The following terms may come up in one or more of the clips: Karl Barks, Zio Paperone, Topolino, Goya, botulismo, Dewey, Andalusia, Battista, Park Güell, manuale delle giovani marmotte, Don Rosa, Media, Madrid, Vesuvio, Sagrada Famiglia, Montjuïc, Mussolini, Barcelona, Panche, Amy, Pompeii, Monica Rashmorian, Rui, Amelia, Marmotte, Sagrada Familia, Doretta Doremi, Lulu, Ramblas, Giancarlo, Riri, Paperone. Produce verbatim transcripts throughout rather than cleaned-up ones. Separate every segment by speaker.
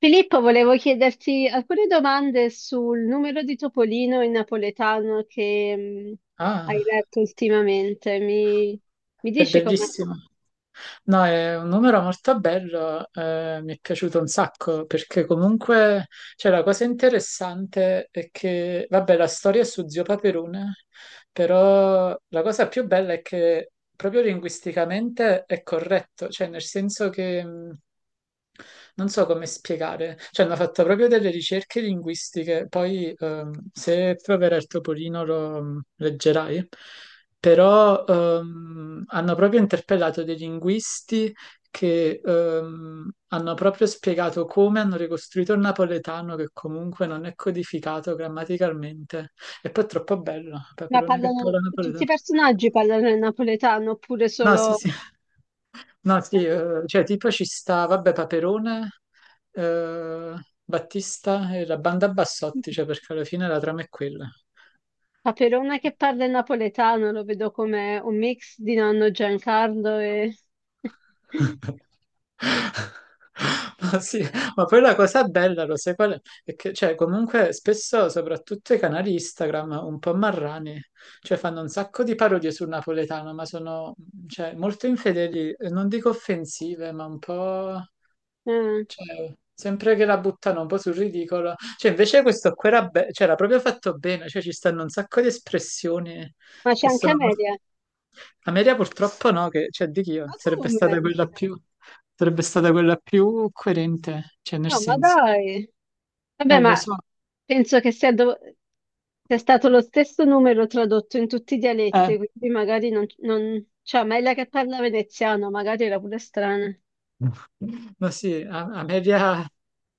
Speaker 1: Filippo, volevo chiederti alcune domande sul numero di Topolino in napoletano che mh, hai
Speaker 2: Ah,
Speaker 1: letto ultimamente. Mi, mi
Speaker 2: è
Speaker 1: dici com'è?
Speaker 2: bellissimo. No, è un numero molto bello, eh, mi è piaciuto un sacco perché comunque, cioè, la cosa interessante è che, vabbè, la storia è su Zio Paperone, però la cosa più bella è che proprio linguisticamente è corretto, cioè nel senso che mh, non so come spiegare, cioè hanno fatto proprio delle ricerche linguistiche, poi ehm, se proverà il Topolino lo mm, leggerai, però ehm, hanno proprio interpellato dei linguisti che ehm, hanno proprio spiegato come hanno ricostruito il napoletano che comunque non è codificato grammaticalmente. E poi è troppo bello,
Speaker 1: Ma
Speaker 2: Paperone che
Speaker 1: parlano,
Speaker 2: parla
Speaker 1: Tutti
Speaker 2: napoletano.
Speaker 1: i personaggi parlano il napoletano oppure
Speaker 2: No, sì,
Speaker 1: solo.
Speaker 2: sì. No, sì,
Speaker 1: eh,
Speaker 2: eh, cioè tipo ci sta, vabbè, Paperone, eh, Battista e la banda Bassotti, cioè perché alla fine la trama è quella.
Speaker 1: Paperone che parla il napoletano, lo vedo come un mix di nonno Giancarlo e.
Speaker 2: Ma sì, ma poi la cosa bella, lo sai qual è? È che, cioè, comunque spesso, soprattutto i canali Instagram, un po' marrani, cioè fanno un sacco di parodie sul napoletano, ma sono, cioè, molto infedeli, eh, non dico offensive, ma un po'.
Speaker 1: Eh,
Speaker 2: Cioè, sempre che la buttano un po' sul ridicolo. Cioè, invece questo qua era, be- cioè, era proprio fatto bene, cioè ci stanno un sacco di espressioni
Speaker 1: Ma c'è
Speaker 2: che
Speaker 1: anche
Speaker 2: sono molto-
Speaker 1: Amelia.
Speaker 2: Ameria purtroppo no, che, cioè, di chi io?
Speaker 1: Ma
Speaker 2: Sarebbe stata
Speaker 1: come?
Speaker 2: quella più. Sarebbe stata quella più coerente, cioè, nel
Speaker 1: No, ma
Speaker 2: senso.
Speaker 1: dai! Vabbè,
Speaker 2: Eh, lo
Speaker 1: ma
Speaker 2: so,
Speaker 1: penso che sia, dov- sia stato lo stesso numero tradotto in tutti i dialetti,
Speaker 2: eh.
Speaker 1: quindi magari non, non... Cioè, ma è la che parla veneziano, magari era pure strana. Ma
Speaker 2: Ma sì, a- Ameria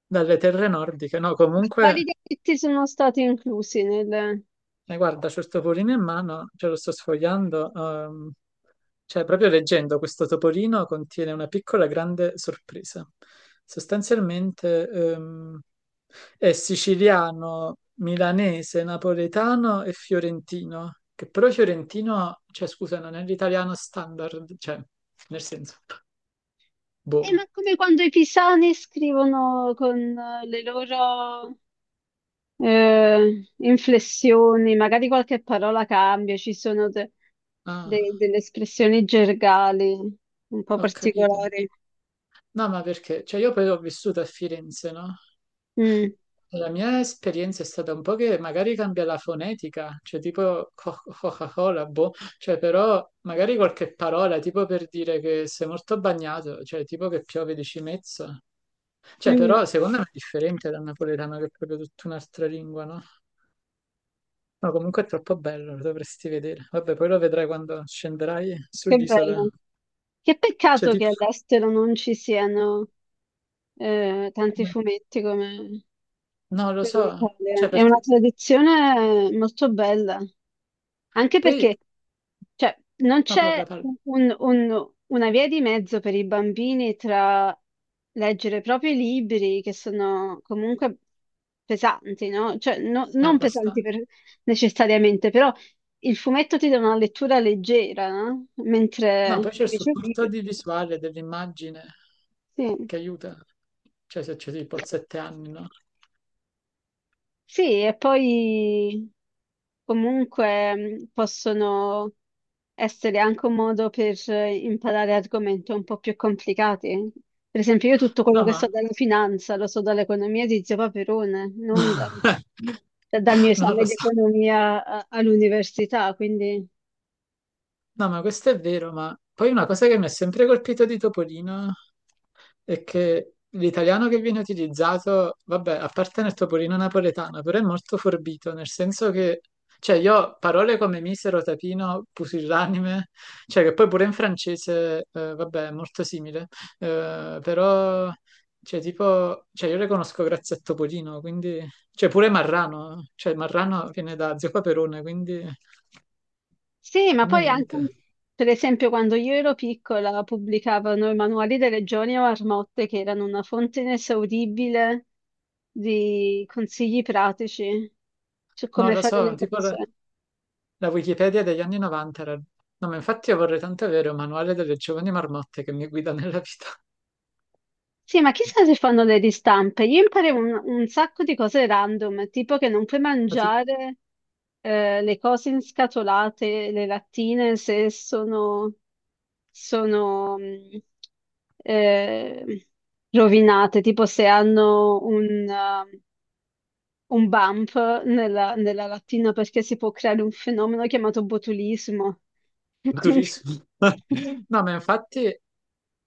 Speaker 2: dalle terre nordiche, no, comunque.
Speaker 1: quali dialetti sono stati inclusi nel.
Speaker 2: Eh, guarda, c'ho il topolino in mano, ce lo sto sfogliando. ehm, cioè, proprio leggendo, questo topolino contiene una piccola grande sorpresa. Sostanzialmente, ehm, è siciliano, milanese, napoletano e fiorentino, che però fiorentino, cioè, scusa, non è l'italiano standard, cioè, nel senso,
Speaker 1: Eh, ma
Speaker 2: boh.
Speaker 1: come quando i pisani scrivono con eh, le loro eh, inflessioni, magari qualche parola cambia, ci sono de-
Speaker 2: Ah,
Speaker 1: de- delle espressioni gergali un po'
Speaker 2: ho capito.
Speaker 1: particolari.
Speaker 2: No, ma perché? Cioè, io poi ho vissuto a Firenze, no?
Speaker 1: Mm,
Speaker 2: La mia esperienza è stata un po' che magari cambia la fonetica, cioè tipo co- Coca-Cola, boh, cioè però magari qualche parola, tipo per dire che sei molto bagnato, cioè tipo che piove di cimezzo, cioè
Speaker 1: mm.
Speaker 2: però secondo me è differente dal napoletano che è proprio tutta un'altra lingua, no? No, comunque è troppo bello, lo dovresti vedere. Vabbè, poi lo vedrai quando scenderai
Speaker 1: Che
Speaker 2: sull'isola,
Speaker 1: bello. Che
Speaker 2: cioè
Speaker 1: peccato che
Speaker 2: tipo.
Speaker 1: all'estero non ci siano eh, tanti fumetti come,
Speaker 2: No, lo
Speaker 1: come in
Speaker 2: so,
Speaker 1: Italia.
Speaker 2: cioè
Speaker 1: È una
Speaker 2: perché.
Speaker 1: tradizione molto bella, anche
Speaker 2: Poi.
Speaker 1: perché cioè, non
Speaker 2: No, parla,
Speaker 1: c'è
Speaker 2: parla,
Speaker 1: un- un- una via di mezzo per i bambini tra leggere proprio i libri che sono comunque pesanti, no? Cioè, no-
Speaker 2: è
Speaker 1: non pesanti
Speaker 2: abbastanza.
Speaker 1: per- necessariamente, però il fumetto ti dà una lettura leggera, no?
Speaker 2: No, poi
Speaker 1: Mentre
Speaker 2: c'è il
Speaker 1: invece il
Speaker 2: supporto
Speaker 1: libro.
Speaker 2: di visuale dell'immagine
Speaker 1: Sì.
Speaker 2: che aiuta. Cioè, se c'è tipo a sette anni, no?
Speaker 1: Sì, e poi comunque mh, possono essere anche un modo per eh, imparare argomenti un po' più complicati. Per esempio, io tutto quello
Speaker 2: No,
Speaker 1: che so
Speaker 2: ma.
Speaker 1: dalla finanza lo so dall'economia di Zio Paperone, non da- dal mio
Speaker 2: Non
Speaker 1: esame
Speaker 2: lo
Speaker 1: di
Speaker 2: so.
Speaker 1: economia a- all'università, quindi.
Speaker 2: No, ma questo è vero, ma poi una cosa che mi ha sempre colpito di Topolino è che l'italiano che viene utilizzato, vabbè, a parte nel Topolino napoletano, però è molto forbito, nel senso che, cioè, io parole come misero, tapino, pusillanime, cioè che poi pure in francese, eh, vabbè, è molto simile, eh, però, cioè, tipo, cioè, io le conosco grazie a Topolino, quindi, cioè, pure Marrano, cioè, Marrano viene da Zio Paperone, quindi,
Speaker 1: Sì, ma
Speaker 2: quindi
Speaker 1: poi anche, un-
Speaker 2: niente.
Speaker 1: per esempio, quando io ero piccola pubblicavano i manuali delle Regioni o Marmotte, che erano una fonte inesauribile di consigli pratici su
Speaker 2: Non
Speaker 1: come
Speaker 2: lo
Speaker 1: fare le
Speaker 2: so, tipo la
Speaker 1: cose.
Speaker 2: la Wikipedia degli anni novanta era. No, ma infatti io vorrei tanto avere un manuale delle giovani marmotte che mi guida nella vita.
Speaker 1: Sì, ma chissà se fanno le ristampe. Io imparavo un, un sacco di cose random, tipo che non puoi
Speaker 2: Ma tipo,
Speaker 1: mangiare eh, le cose inscatolate, le lattine, se sono, sono mh, eh, rovinate, tipo se hanno un, eh, un bump nella, nella lattina, perché si può creare un fenomeno chiamato botulismo. Quindi,
Speaker 2: durissimo. No, ma infatti,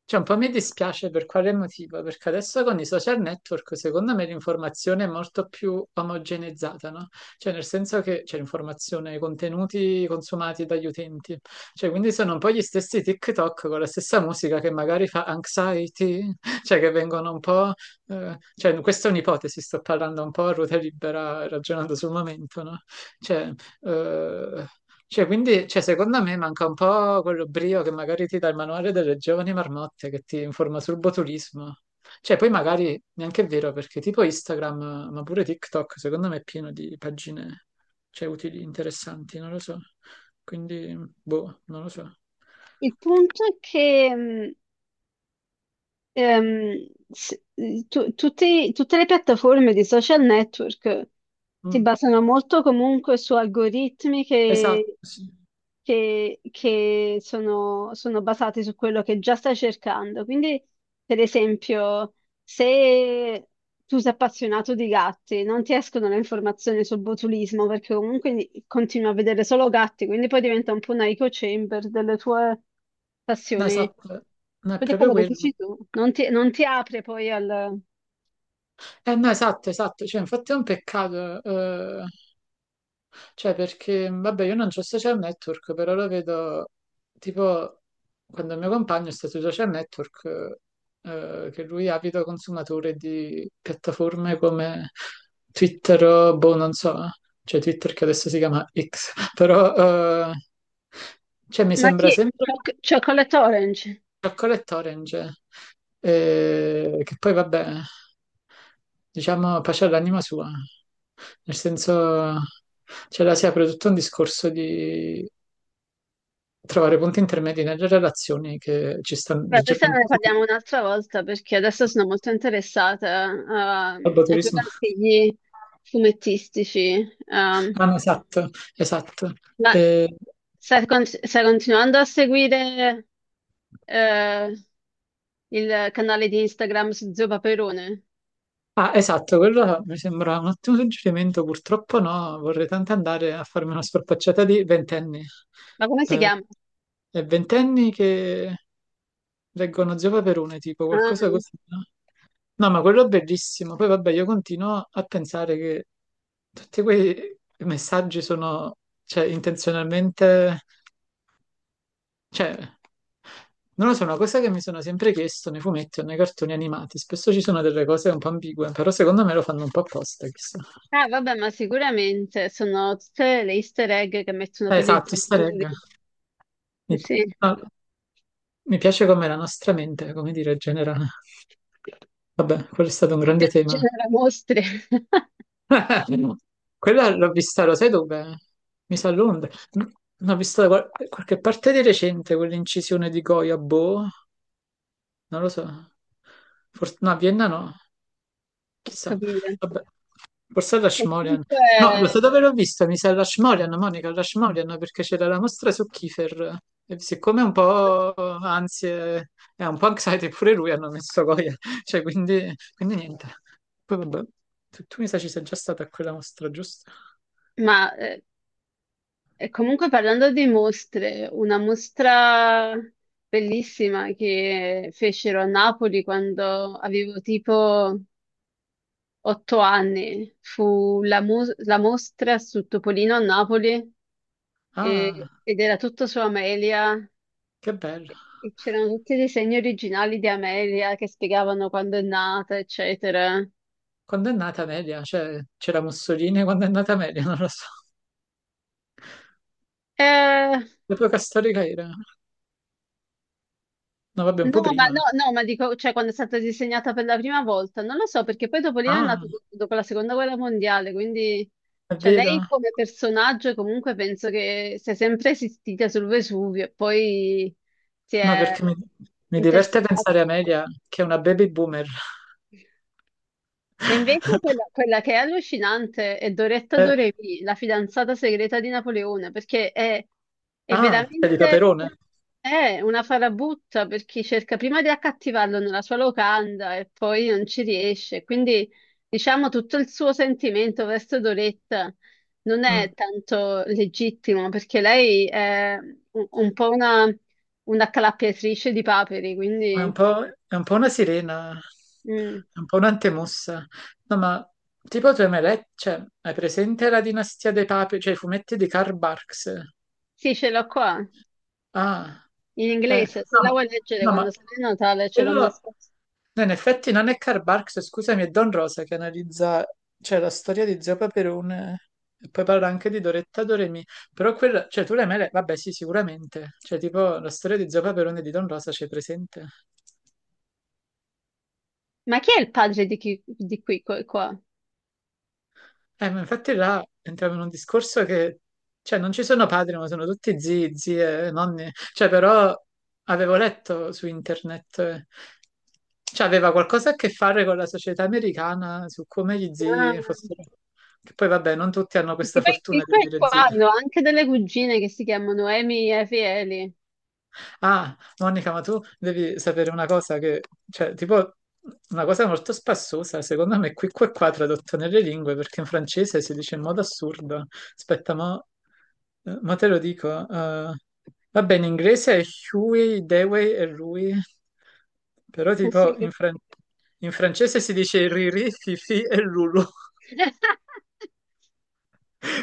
Speaker 2: cioè, un po' mi dispiace per quale motivo, perché adesso con i social network, secondo me, l'informazione è molto più omogeneizzata, no? Cioè, nel senso che c'è l'informazione, i contenuti consumati dagli utenti. Cioè, quindi sono un po' gli stessi TikTok con la stessa musica che magari fa anxiety, cioè che vengono un po'. eh, cioè, questa è un'ipotesi, sto parlando un po' a ruota libera, ragionando sul momento, no? Cioè. Eh, cioè, quindi, cioè, secondo me manca un po' quello brio che magari ti dà il manuale delle giovani marmotte che ti informa sul botulismo. Cioè, poi magari neanche è vero perché tipo Instagram, ma pure TikTok, secondo me è pieno di pagine, cioè, utili, interessanti, non lo so. Quindi, boh, non lo so.
Speaker 1: il punto è che... mh, ehm, s- tu- tutti- tutte le piattaforme di social network si
Speaker 2: Mm.
Speaker 1: basano molto comunque su algoritmi
Speaker 2: Esatto,
Speaker 1: che,
Speaker 2: sì.
Speaker 1: che- che sono, sono basati su quello che già stai cercando. Quindi, per esempio, se tu sei appassionato di gatti, non ti escono le informazioni sul botulismo perché comunque ni- continui a vedere solo gatti, quindi poi diventa un po' una echo chamber delle tue
Speaker 2: No,
Speaker 1: passioni.
Speaker 2: esatto. No, è
Speaker 1: Vedi
Speaker 2: proprio
Speaker 1: quello che
Speaker 2: quello.
Speaker 1: dici tu, non ti, non ti apre poi al.
Speaker 2: Eh, no, esatto, esatto. Cioè, infatti è un peccato. eh, Cioè, perché, vabbè, io non ho social network, però lo vedo, tipo, quando il mio compagno sta sui social network, eh, che lui è avido consumatore di piattaforme come Twitter o, boh, non so, cioè Twitter che adesso si chiama X, però, eh, cioè, mi
Speaker 1: Ma
Speaker 2: sembra
Speaker 1: chi?
Speaker 2: sempre
Speaker 1: Choc- Chocolate Orange.
Speaker 2: Chocolate Orange, eh, che poi vabbè, diciamo, pace all'anima sua, nel senso, cioè la si apre tutto un discorso di trovare punti intermedi nelle relazioni che ci stanno
Speaker 1: Beh, questa ne
Speaker 2: leggermente
Speaker 1: parliamo un'altra volta perché adesso sono molto interessata a,
Speaker 2: al
Speaker 1: a
Speaker 2: turismo.
Speaker 1: giocattoli fumettistici. Um,
Speaker 2: Ah, no, esatto, esatto.
Speaker 1: ma
Speaker 2: Eh,
Speaker 1: stai, con- stai continuando a seguire eh, il canale di Instagram su Zio Paperone?
Speaker 2: ah, esatto, quello mi sembra un ottimo suggerimento, purtroppo no, vorrei tanto andare a farmi una scorpacciata di ventenni.
Speaker 1: Ma come si
Speaker 2: Eh,
Speaker 1: chiama?
Speaker 2: e ventenni che leggono Zio Paperone, tipo qualcosa
Speaker 1: Ah,
Speaker 2: così, no? No, ma quello è bellissimo. Poi vabbè, io continuo a pensare che tutti quei messaggi sono, cioè, intenzionalmente cioè, non lo so, è una cosa che mi sono sempre chiesto nei fumetti o nei cartoni animati, spesso ci sono delle cose un po' ambigue, però secondo me lo fanno un po' apposta, chissà.
Speaker 1: ah, vabbè, ma sicuramente sono tutte le easter egg che mettono
Speaker 2: Eh,
Speaker 1: per i
Speaker 2: Esatto, easter egg.
Speaker 1: genitori. Eh
Speaker 2: Mi,
Speaker 1: sì,
Speaker 2: no, mi piace come la nostra mente, come dire, generale. Vabbè, quello è stato un grande
Speaker 1: ge-
Speaker 2: tema.
Speaker 1: genera mostre.
Speaker 2: Quella l'ho vista, lo sai dove? Mi sa a Londra. No, l'ho vista da qual- qualche parte di recente, quell'incisione di Goya, boh, non lo so. Forse, no, a Vienna no,
Speaker 1: Ho
Speaker 2: chissà.
Speaker 1: capito.
Speaker 2: Vabbè. Forse Rashmorian.
Speaker 1: Comunque,
Speaker 2: No, lo so dove l'ho vista, mi sa Rashmorian, Monica Rashmorian, perché c'era la mostra su Kiefer. E siccome è un po' ansie e un po' anxiety pure lui hanno messo Goya, cioè quindi, quindi niente. Poi vabbè, tu, tu mi sa ci sei già stata a quella mostra, giusto?
Speaker 1: ma eh, e comunque parlando di mostre, una mostra bellissima che fecero a Napoli quando avevo tipo otto anni fu la, mu- la mostra su Topolino a Napoli e-
Speaker 2: Ah,
Speaker 1: ed era tutto su Amelia
Speaker 2: che bello.
Speaker 1: e c'erano tutti i disegni originali di Amelia che spiegavano quando è nata, eccetera.
Speaker 2: Quando è nata Media? Cioè, c'era Mussolini quando è nata Media, non lo so.
Speaker 1: Eh,
Speaker 2: L'epoca storica era? No, vabbè, un po'
Speaker 1: No, ma
Speaker 2: prima.
Speaker 1: no, no, ma dico, cioè quando è stata disegnata per la prima volta, non lo so, perché poi dopo lì è
Speaker 2: Ah,
Speaker 1: nato do- dopo la seconda guerra mondiale, quindi
Speaker 2: è
Speaker 1: cioè
Speaker 2: vero?
Speaker 1: lei come personaggio comunque penso che sia sempre esistita sul Vesuvio e poi si
Speaker 2: No,
Speaker 1: è
Speaker 2: perché mi, mi diverte
Speaker 1: intersecata.
Speaker 2: pensare a Media, che è una baby boomer.
Speaker 1: Ma invece quella, quella che è allucinante è Doretta
Speaker 2: Eh,
Speaker 1: Doremi, la fidanzata segreta di Napoleone, perché è, è
Speaker 2: ah, è di
Speaker 1: veramente
Speaker 2: Caperone?
Speaker 1: è una farabutta per chi cerca prima di accattivarlo nella sua locanda e poi non ci riesce. Quindi diciamo tutto il suo sentimento verso Doretta non
Speaker 2: Mm,
Speaker 1: è tanto legittimo perché lei è un, un po' una, una accalappiatrice di paperi,
Speaker 2: ma è un
Speaker 1: quindi
Speaker 2: po', è un po' una sirena,
Speaker 1: mm,
Speaker 2: è un po' un'antemossa. No, ma tipo tu hai mai letto, cioè, hai presente la dinastia dei papi, cioè i fumetti di Karl Barks?
Speaker 1: sì, ce l'ho qua.
Speaker 2: Ah,
Speaker 1: In
Speaker 2: eh,
Speaker 1: inglese, se
Speaker 2: no,
Speaker 1: la
Speaker 2: ma,
Speaker 1: vuoi leggere
Speaker 2: no,
Speaker 1: quando
Speaker 2: ma
Speaker 1: sei Natale ce l'ho
Speaker 2: quello,
Speaker 1: nascosta.
Speaker 2: no, in effetti non è Karl Barks, scusami, è Don Rosa che analizza, cioè, la storia di Zio Paperone e poi parla anche di Doretta Doremi. Però quella, cioè tu le mele, vabbè sì, sicuramente. Cioè tipo la storia di Zio Paperone e di Don Rosa c'è presente?
Speaker 1: Ma chi è il padre di, chi, di qui, qua? Qua?
Speaker 2: Eh, ma infatti là entriamo in un discorso che, cioè, non ci sono padri, ma sono tutti zii, zie, nonni. Cioè, però avevo letto su internet, eh, cioè, aveva qualcosa a che fare con la società americana su come gli
Speaker 1: Ah,
Speaker 2: zii fossero. Che poi, vabbè, non tutti hanno
Speaker 1: perché
Speaker 2: questa
Speaker 1: poi
Speaker 2: fortuna
Speaker 1: qui,
Speaker 2: di
Speaker 1: qua e
Speaker 2: avere
Speaker 1: qua
Speaker 2: zii.
Speaker 1: hanno anche delle cugine che si chiamano Amy e Fieli.
Speaker 2: Ah, Monica, ma tu devi sapere una cosa che, cioè, tipo, una cosa molto spassosa, secondo me, qui qua qua tradotto nelle lingue, perché in francese si dice in modo assurdo. Aspetta, mo, eh, mo te lo dico. eh, va bene, in inglese è Huey, Dewey e Rui, però
Speaker 1: Sì.
Speaker 2: tipo in, fran- in francese si dice Riri, Fifi e Lulu.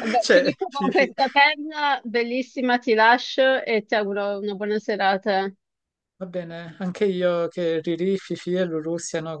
Speaker 1: Vabbè,
Speaker 2: Cioè,
Speaker 1: finisco con
Speaker 2: Fifi.
Speaker 1: questa perla bellissima, ti lascio e ti auguro una buona serata.
Speaker 2: Va bene, anche io che Riri, Fifi e Lulu siano